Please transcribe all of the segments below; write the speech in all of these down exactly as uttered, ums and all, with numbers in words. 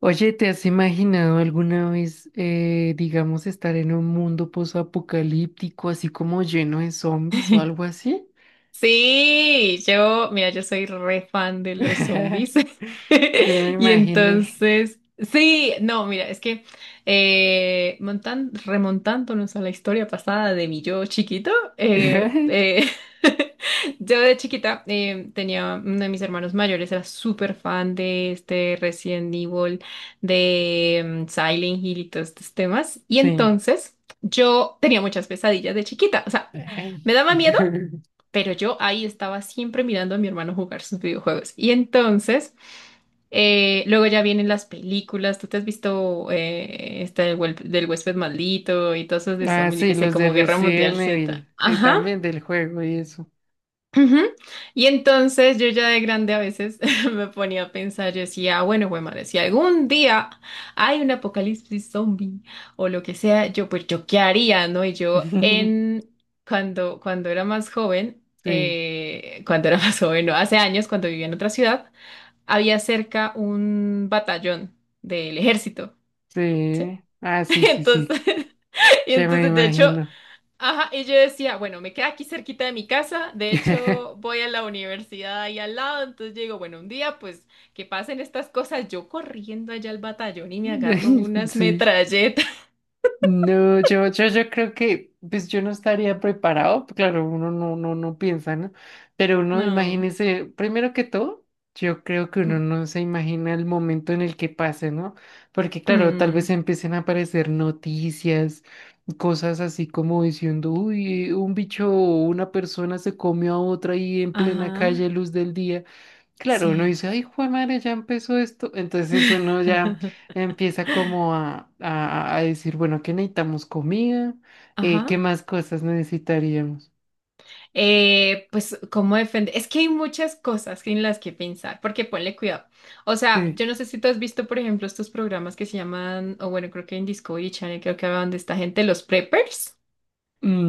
Oye, ¿te has imaginado alguna vez, eh, digamos, estar en un mundo posapocalíptico, así como lleno de zombies o algo así? Sí, yo, mira, yo soy re fan de los zombies. Sí, me Y imaginé. entonces, sí, no, mira, es que eh, montan- remontándonos a la historia pasada de mi yo chiquito, eh, eh, yo de chiquita eh, tenía uno de mis hermanos mayores, era súper fan de este Resident Evil, de mm, Silent Hill y todos estos temas. Y Sí. entonces, yo tenía muchas pesadillas de chiquita, o sea, Ay. me daba miedo. Pero yo ahí estaba siempre mirando a mi hermano jugar sus videojuegos. Y entonces, eh, luego ya vienen las películas. Tú te has visto eh, esta del, huel- del huésped maldito y todas esas de Ah, zombies, yo sí, qué sé, los de como Guerra Mundial Resident Z. Evil, eh, Ajá. también del juego y eso. Ujú. Y entonces yo ya de grande a veces me ponía a pensar, yo decía, "Ah, bueno, güey, madre, si algún día hay un apocalipsis zombie o lo que sea, yo pues yo qué haría, ¿no?" Y yo en cuando cuando era más joven, Sí, eh, cuando era más joven, no, hace años cuando vivía en otra ciudad, había cerca un batallón del ejército, ¿sí? sí. Ah, sí, sí, sí. Entonces y Ya me entonces, de hecho, imagino. ajá, y yo decía, bueno, me queda aquí cerquita de mi casa, de hecho voy a la universidad ahí al lado, entonces yo digo, bueno, un día pues que pasen estas cosas, yo corriendo allá al batallón y me agarro unas Sí. metralletas. No, yo, yo, yo creo que, pues yo no estaría preparado, pues, claro, uno no, no, no piensa, ¿no? Pero uno, No. imagínese, primero que todo, yo creo que uno Mm, no se imagina el momento en el que pase, ¿no? Porque claro, tal vez mm. empiecen a aparecer noticias, cosas así como diciendo, uy, un bicho o una persona se comió a otra ahí en plena calle, Ajá, luz del día. Claro, uno sí. dice, ay, Juan madre, ya empezó esto. Entonces uno ya empieza como a, a, a decir, bueno, ¿qué necesitamos? Comida. Eh, Ajá. ¿Qué más cosas necesitaríamos? Eh, pues, ¿cómo defender? Es que hay muchas cosas en las que pensar, porque ponle cuidado. O sea, Eh, yo no sé si tú has visto, por ejemplo, estos programas que se llaman, o bueno, creo que en Discovery Channel, creo que hablaban de esta gente, los preppers.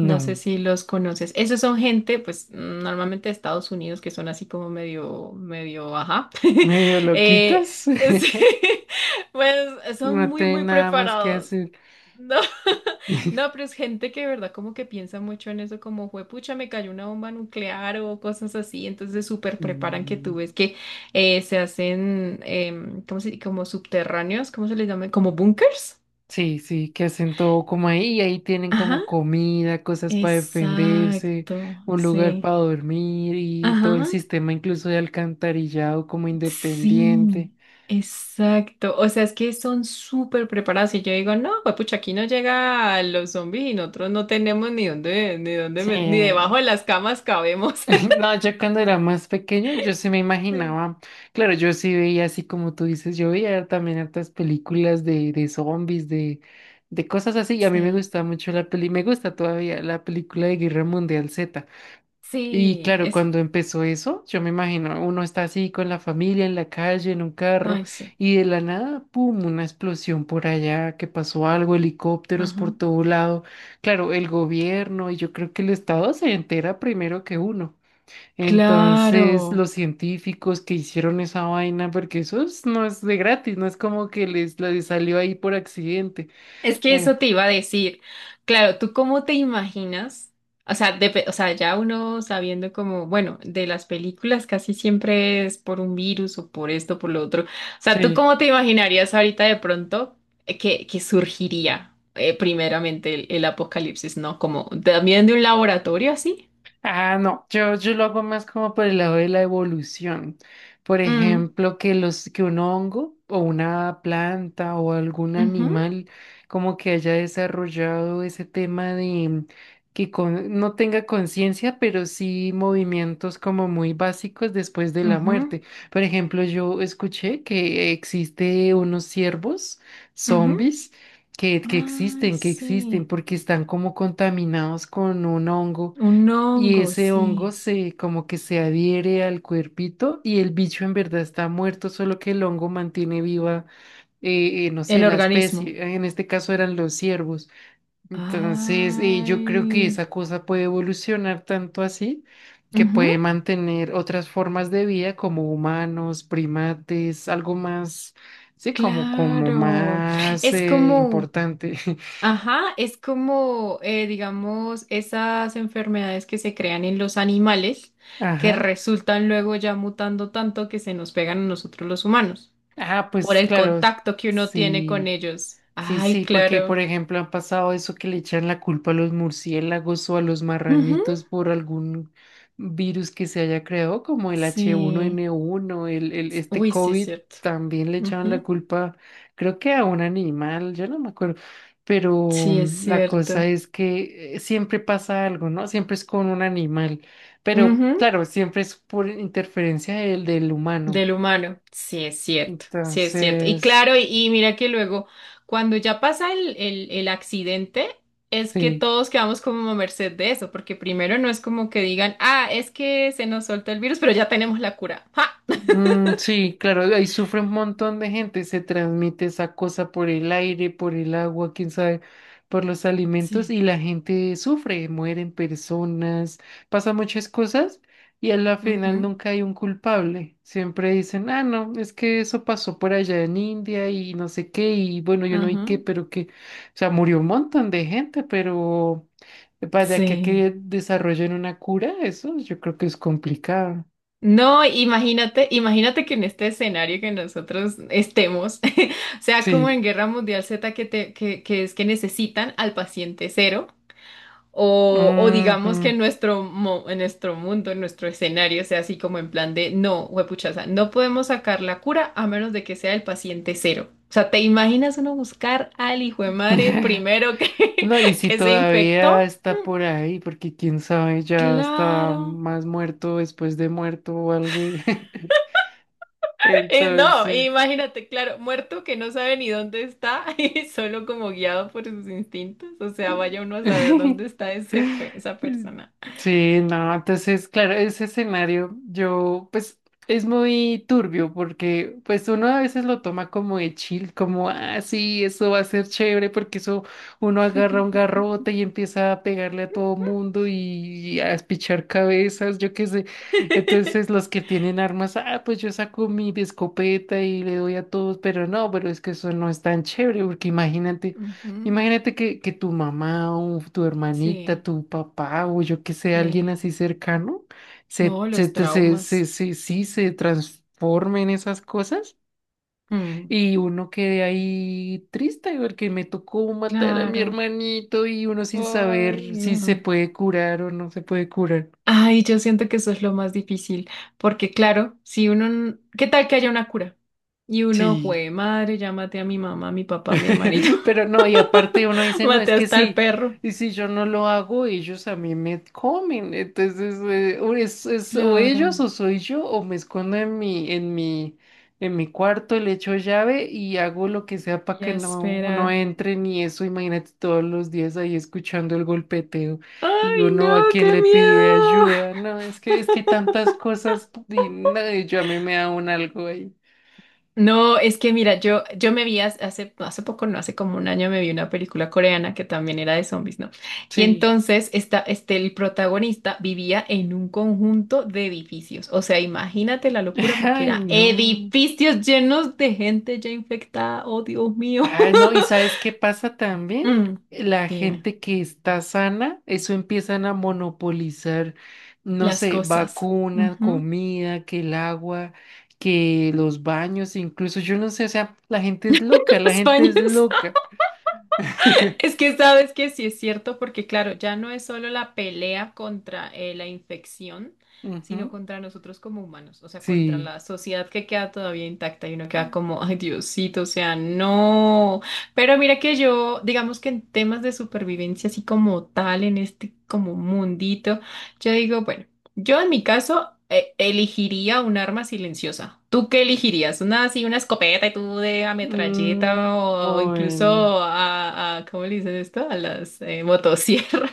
No sé si los conoces. Esos son gente, pues, mm, normalmente de Estados Unidos, que son así como medio, medio, ajá. medio Eh, loquitos, sí, pues son no muy, tienen muy nada más que preparados. hacer. No, no, pero es gente que de verdad como que piensa mucho en eso, como juepucha, me cayó una bomba nuclear o cosas así, entonces súper preparan que Mm, tú ves que eh, se hacen, em, ¿cómo se, como subterráneos, ¿cómo se les llama? Como bunkers. sí, sí, que hacen todo como ahí, y ahí tienen Ajá, como comida, cosas para defenderse, exacto, un lugar sí. para dormir y todo el Ajá, sistema incluso de alcantarillado como sí, independiente. exacto. O sea, es que son súper preparados y yo digo, no, juepucha, aquí no llega a los zombies y nosotros no tenemos ni dónde, ni dónde, Sí, met- ni debajo de las camas cabemos. no, yo cuando era más pequeño, yo sí me Sí. imaginaba, claro, yo sí veía así como tú dices, yo veía también hartas películas de, de zombies, de, de cosas así, y a mí me Sí, gustaba mucho la peli, me gusta todavía la película de Guerra Mundial Z. Y sí, claro, eso. cuando empezó eso, yo me imagino, uno está así con la familia en la calle, en un carro, Ay, sí. y de la nada, ¡pum!, una explosión por allá, que pasó algo, helicópteros por Ajá. todo lado. Claro, el gobierno y yo creo que el Estado se entera primero que uno. Entonces, Claro. los científicos que hicieron esa vaina, porque eso es- no es de gratis, no es como que les, les salió ahí por accidente. Es que eso Eh, te iba a decir. Claro, ¿tú cómo te imaginas? O sea, depe- o sea, ya uno sabiendo como, bueno, de las películas casi siempre es por un virus o por esto, por lo otro. O sea, ¿tú sí. cómo te imaginarías ahorita de pronto eh, que, que surgiría eh, primeramente el, el apocalipsis, ¿no? Como también de un laboratorio así. Ah, no, yo, yo lo hago más como por el lado de la evolución. Por Mm, ejemplo, que los, que un hongo o una planta o algún ujú, animal como que haya desarrollado ese tema de que con- no tenga conciencia, pero sí movimientos como muy básicos después de la ujú, muerte. Por ejemplo, yo escuché que existe unos ciervos ujú. zombies que, que Ay, existen, que existen sí. porque están como contaminados con un hongo Un y hongo, ese hongo sí. se como que se adhiere al cuerpito y el bicho en verdad está muerto, solo que el hongo mantiene viva, eh, eh, no sé, El la organismo. especie. En este caso eran los ciervos. Entonces, eh, yo creo que Ay. esa cosa puede evolucionar tanto así que Ujú, puede mantener otras formas de vida como humanos, primates, algo más, sí, como, como claro. más Es eh, como, importante. ajá, es como, eh, digamos, esas enfermedades que se crean en los animales que Ajá. resultan luego ya mutando tanto que se nos pegan a nosotros los humanos Ah, por pues el claro, contacto que uno tiene con sí. ellos. Sí, Ay, sí, porque por claro. ejemplo han pasado eso que le echan la culpa a los murciélagos o a los Ujú, marranitos por algún virus que se haya creado, como el h uno sí. n uno, el, el- este Uy, sí es COVID, cierto. también le echaban la Ujú. culpa, creo que a un animal, yo no me acuerdo, pero Sí, es mm, la cosa cierto. es que eh, siempre pasa algo, ¿no? Siempre es con un animal, pero Ujú, claro, siempre es por interferencia del, del humano. del humano, sí es cierto, sí es cierto. Y Entonces, claro, y, y mira que luego, cuando ya pasa el, el, el accidente, es que sí. todos quedamos como a merced de eso, porque primero no es como que digan, ah, es que se nos soltó el virus, pero ya tenemos la cura. ¡Ja! Mm, sí, claro, ahí sufre un montón de gente, se transmite esa cosa por el aire, por el agua, quién sabe, por los alimentos Sí. y la gente sufre, mueren personas, pasan muchas cosas y a la final Ujú, nunca hay un culpable. Siempre dicen, ah, no, es que eso pasó por allá en India y no sé qué, y bueno, yo no vi qué, ajá, pero que, o sea, murió un montón de gente, pero para que, sí. que desarrollen una cura, eso yo creo que es complicado. No, imagínate, imagínate que en este escenario que nosotros estemos, sea como Sí. en Guerra Mundial Z, que, te, que, que es que necesitan al paciente cero. O, o digamos Ujú. que en nuestro, mo- en nuestro mundo, en nuestro escenario, sea así como en plan de no, huepuchaza, no podemos sacar la cura a menos de que sea el paciente cero. O sea, ¿te imaginas uno buscar al hijo de madre primero que, No, y si que se todavía infectó? está por ahí, porque quién sabe, ya está Claro. más muerto después de muerto o algo. Y- Eh, no, entonces, imagínate, claro, muerto que no sabe ni dónde está y solo como guiado por sus instintos. O sea, vaya uno a saber dónde está ese, pe- esa persona. sí, no, entonces, claro, ese escenario yo, pues, es muy turbio porque, pues, uno a veces lo toma como de chill, como, ah, sí, eso va a ser chévere porque eso, uno agarra un garrote y empieza a pegarle a todo mundo y a espichar cabezas, yo qué sé. Entonces, los que tienen armas, ah, pues yo saco mi escopeta y le doy a todos, pero no, pero es que eso no es tan chévere porque imagínate. Ujú, Imagínate que, que tu mamá o tu hermanita, sí, tu papá o yo que sé, alguien sí. así cercano, se, No, se, los te- se, se, traumas. se- sí se transforme en esas cosas Mm, y uno quede ahí triste porque me tocó matar a mi claro. hermanito y uno sin Ay, saber si se no. puede curar o no se puede curar. Ay, yo siento que eso es lo más difícil, porque claro, si uno, n- ¿qué tal que haya una cura? Y uno, Sí. jue madre, ya maté a mi mamá, a mi papá, a mi hermanito, Pero no, y aparte uno dice, no, es maté que hasta al sí, perro. y si yo no lo hago, ellos a mí me comen. Entonces, eh, o es, es o ellos Claro, o soy yo, o me escondo en mi, en mi, en mi cuarto, le echo llave y hago lo que sea para que ya no, no espera. entren y eso, imagínate todos los días ahí escuchando el golpeteo y Ay, uno no, a quien qué le pide miedo. ayuda. No, es que, es que tantas cosas y no, yo a mí me da un algo ahí. No, es que mira, yo, yo me vi hace, hace hace poco, no hace como un año, me vi una película coreana que también era de zombies, ¿no? Y Sí. entonces esta, este, el protagonista vivía en un conjunto de edificios. O sea, imagínate la locura porque Ay, era no. edificios llenos de gente ya infectada. Oh, Dios mío. Ay, no, ¿y sabes qué pasa también? Mm, La dime, gente que está sana, eso empiezan a monopolizar, no las sé, cosas. vacunas, Ujú. comida, que el agua, que los baños, incluso yo no sé, o sea, la gente es loca, la Los gente es baños. loca. Es que sabes que sí es cierto, porque claro, ya no es solo la pelea contra eh, la infección, sino Ujú, contra nosotros como humanos, o sea, contra sí. la sociedad que queda todavía intacta y uno queda como, ay, Diosito, o sea, no. Pero mira que yo, digamos que en temas de supervivencia, así como tal, en este como mundito, yo digo, bueno. Yo en mi caso eh, elegiría un arma silenciosa. ¿Tú qué elegirías? ¿Una así, una escopeta y tú de Mm, ametralleta o bueno. incluso a, a- ¿cómo le dicen esto? A las eh, motosierras.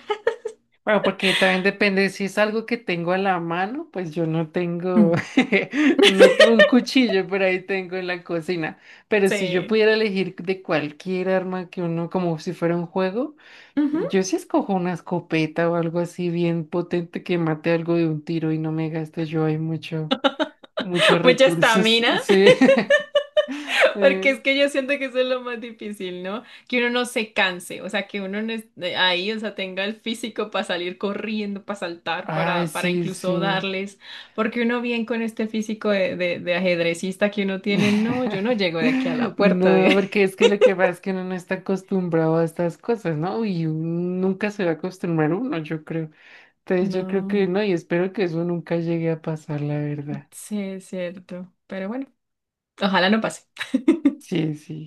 Bueno, porque también depende si es algo que tengo a la mano, pues yo no tengo, no tuve un cuchillo por ahí tengo en la cocina, pero si yo Sí. pudiera elegir de cualquier arma que uno, como si fuera un juego, Ujú. yo sí escojo una escopeta o algo así bien potente que mate algo de un tiro y no me gaste yo hay mucho, muchos Mucha recursos, estamina. sí. Porque Eh, es que yo siento que eso es lo más difícil, ¿no? Que uno no se canse, o sea, que uno no esté ahí, o sea, tenga el físico para salir corriendo, para saltar, ay, para, para sí, incluso sí. darles, porque uno bien con este físico de, de, de ajedrecista que uno tiene, no, yo no llego de aquí a la puerta No, de... porque es que lo que pasa es que uno no está acostumbrado a estas cosas, ¿no? Y nunca se va a acostumbrar uno, yo creo. Entonces yo creo que No, no, y espero que eso nunca llegue a pasar, la verdad. sí, es cierto, pero bueno, ojalá no pase. Sí, sí.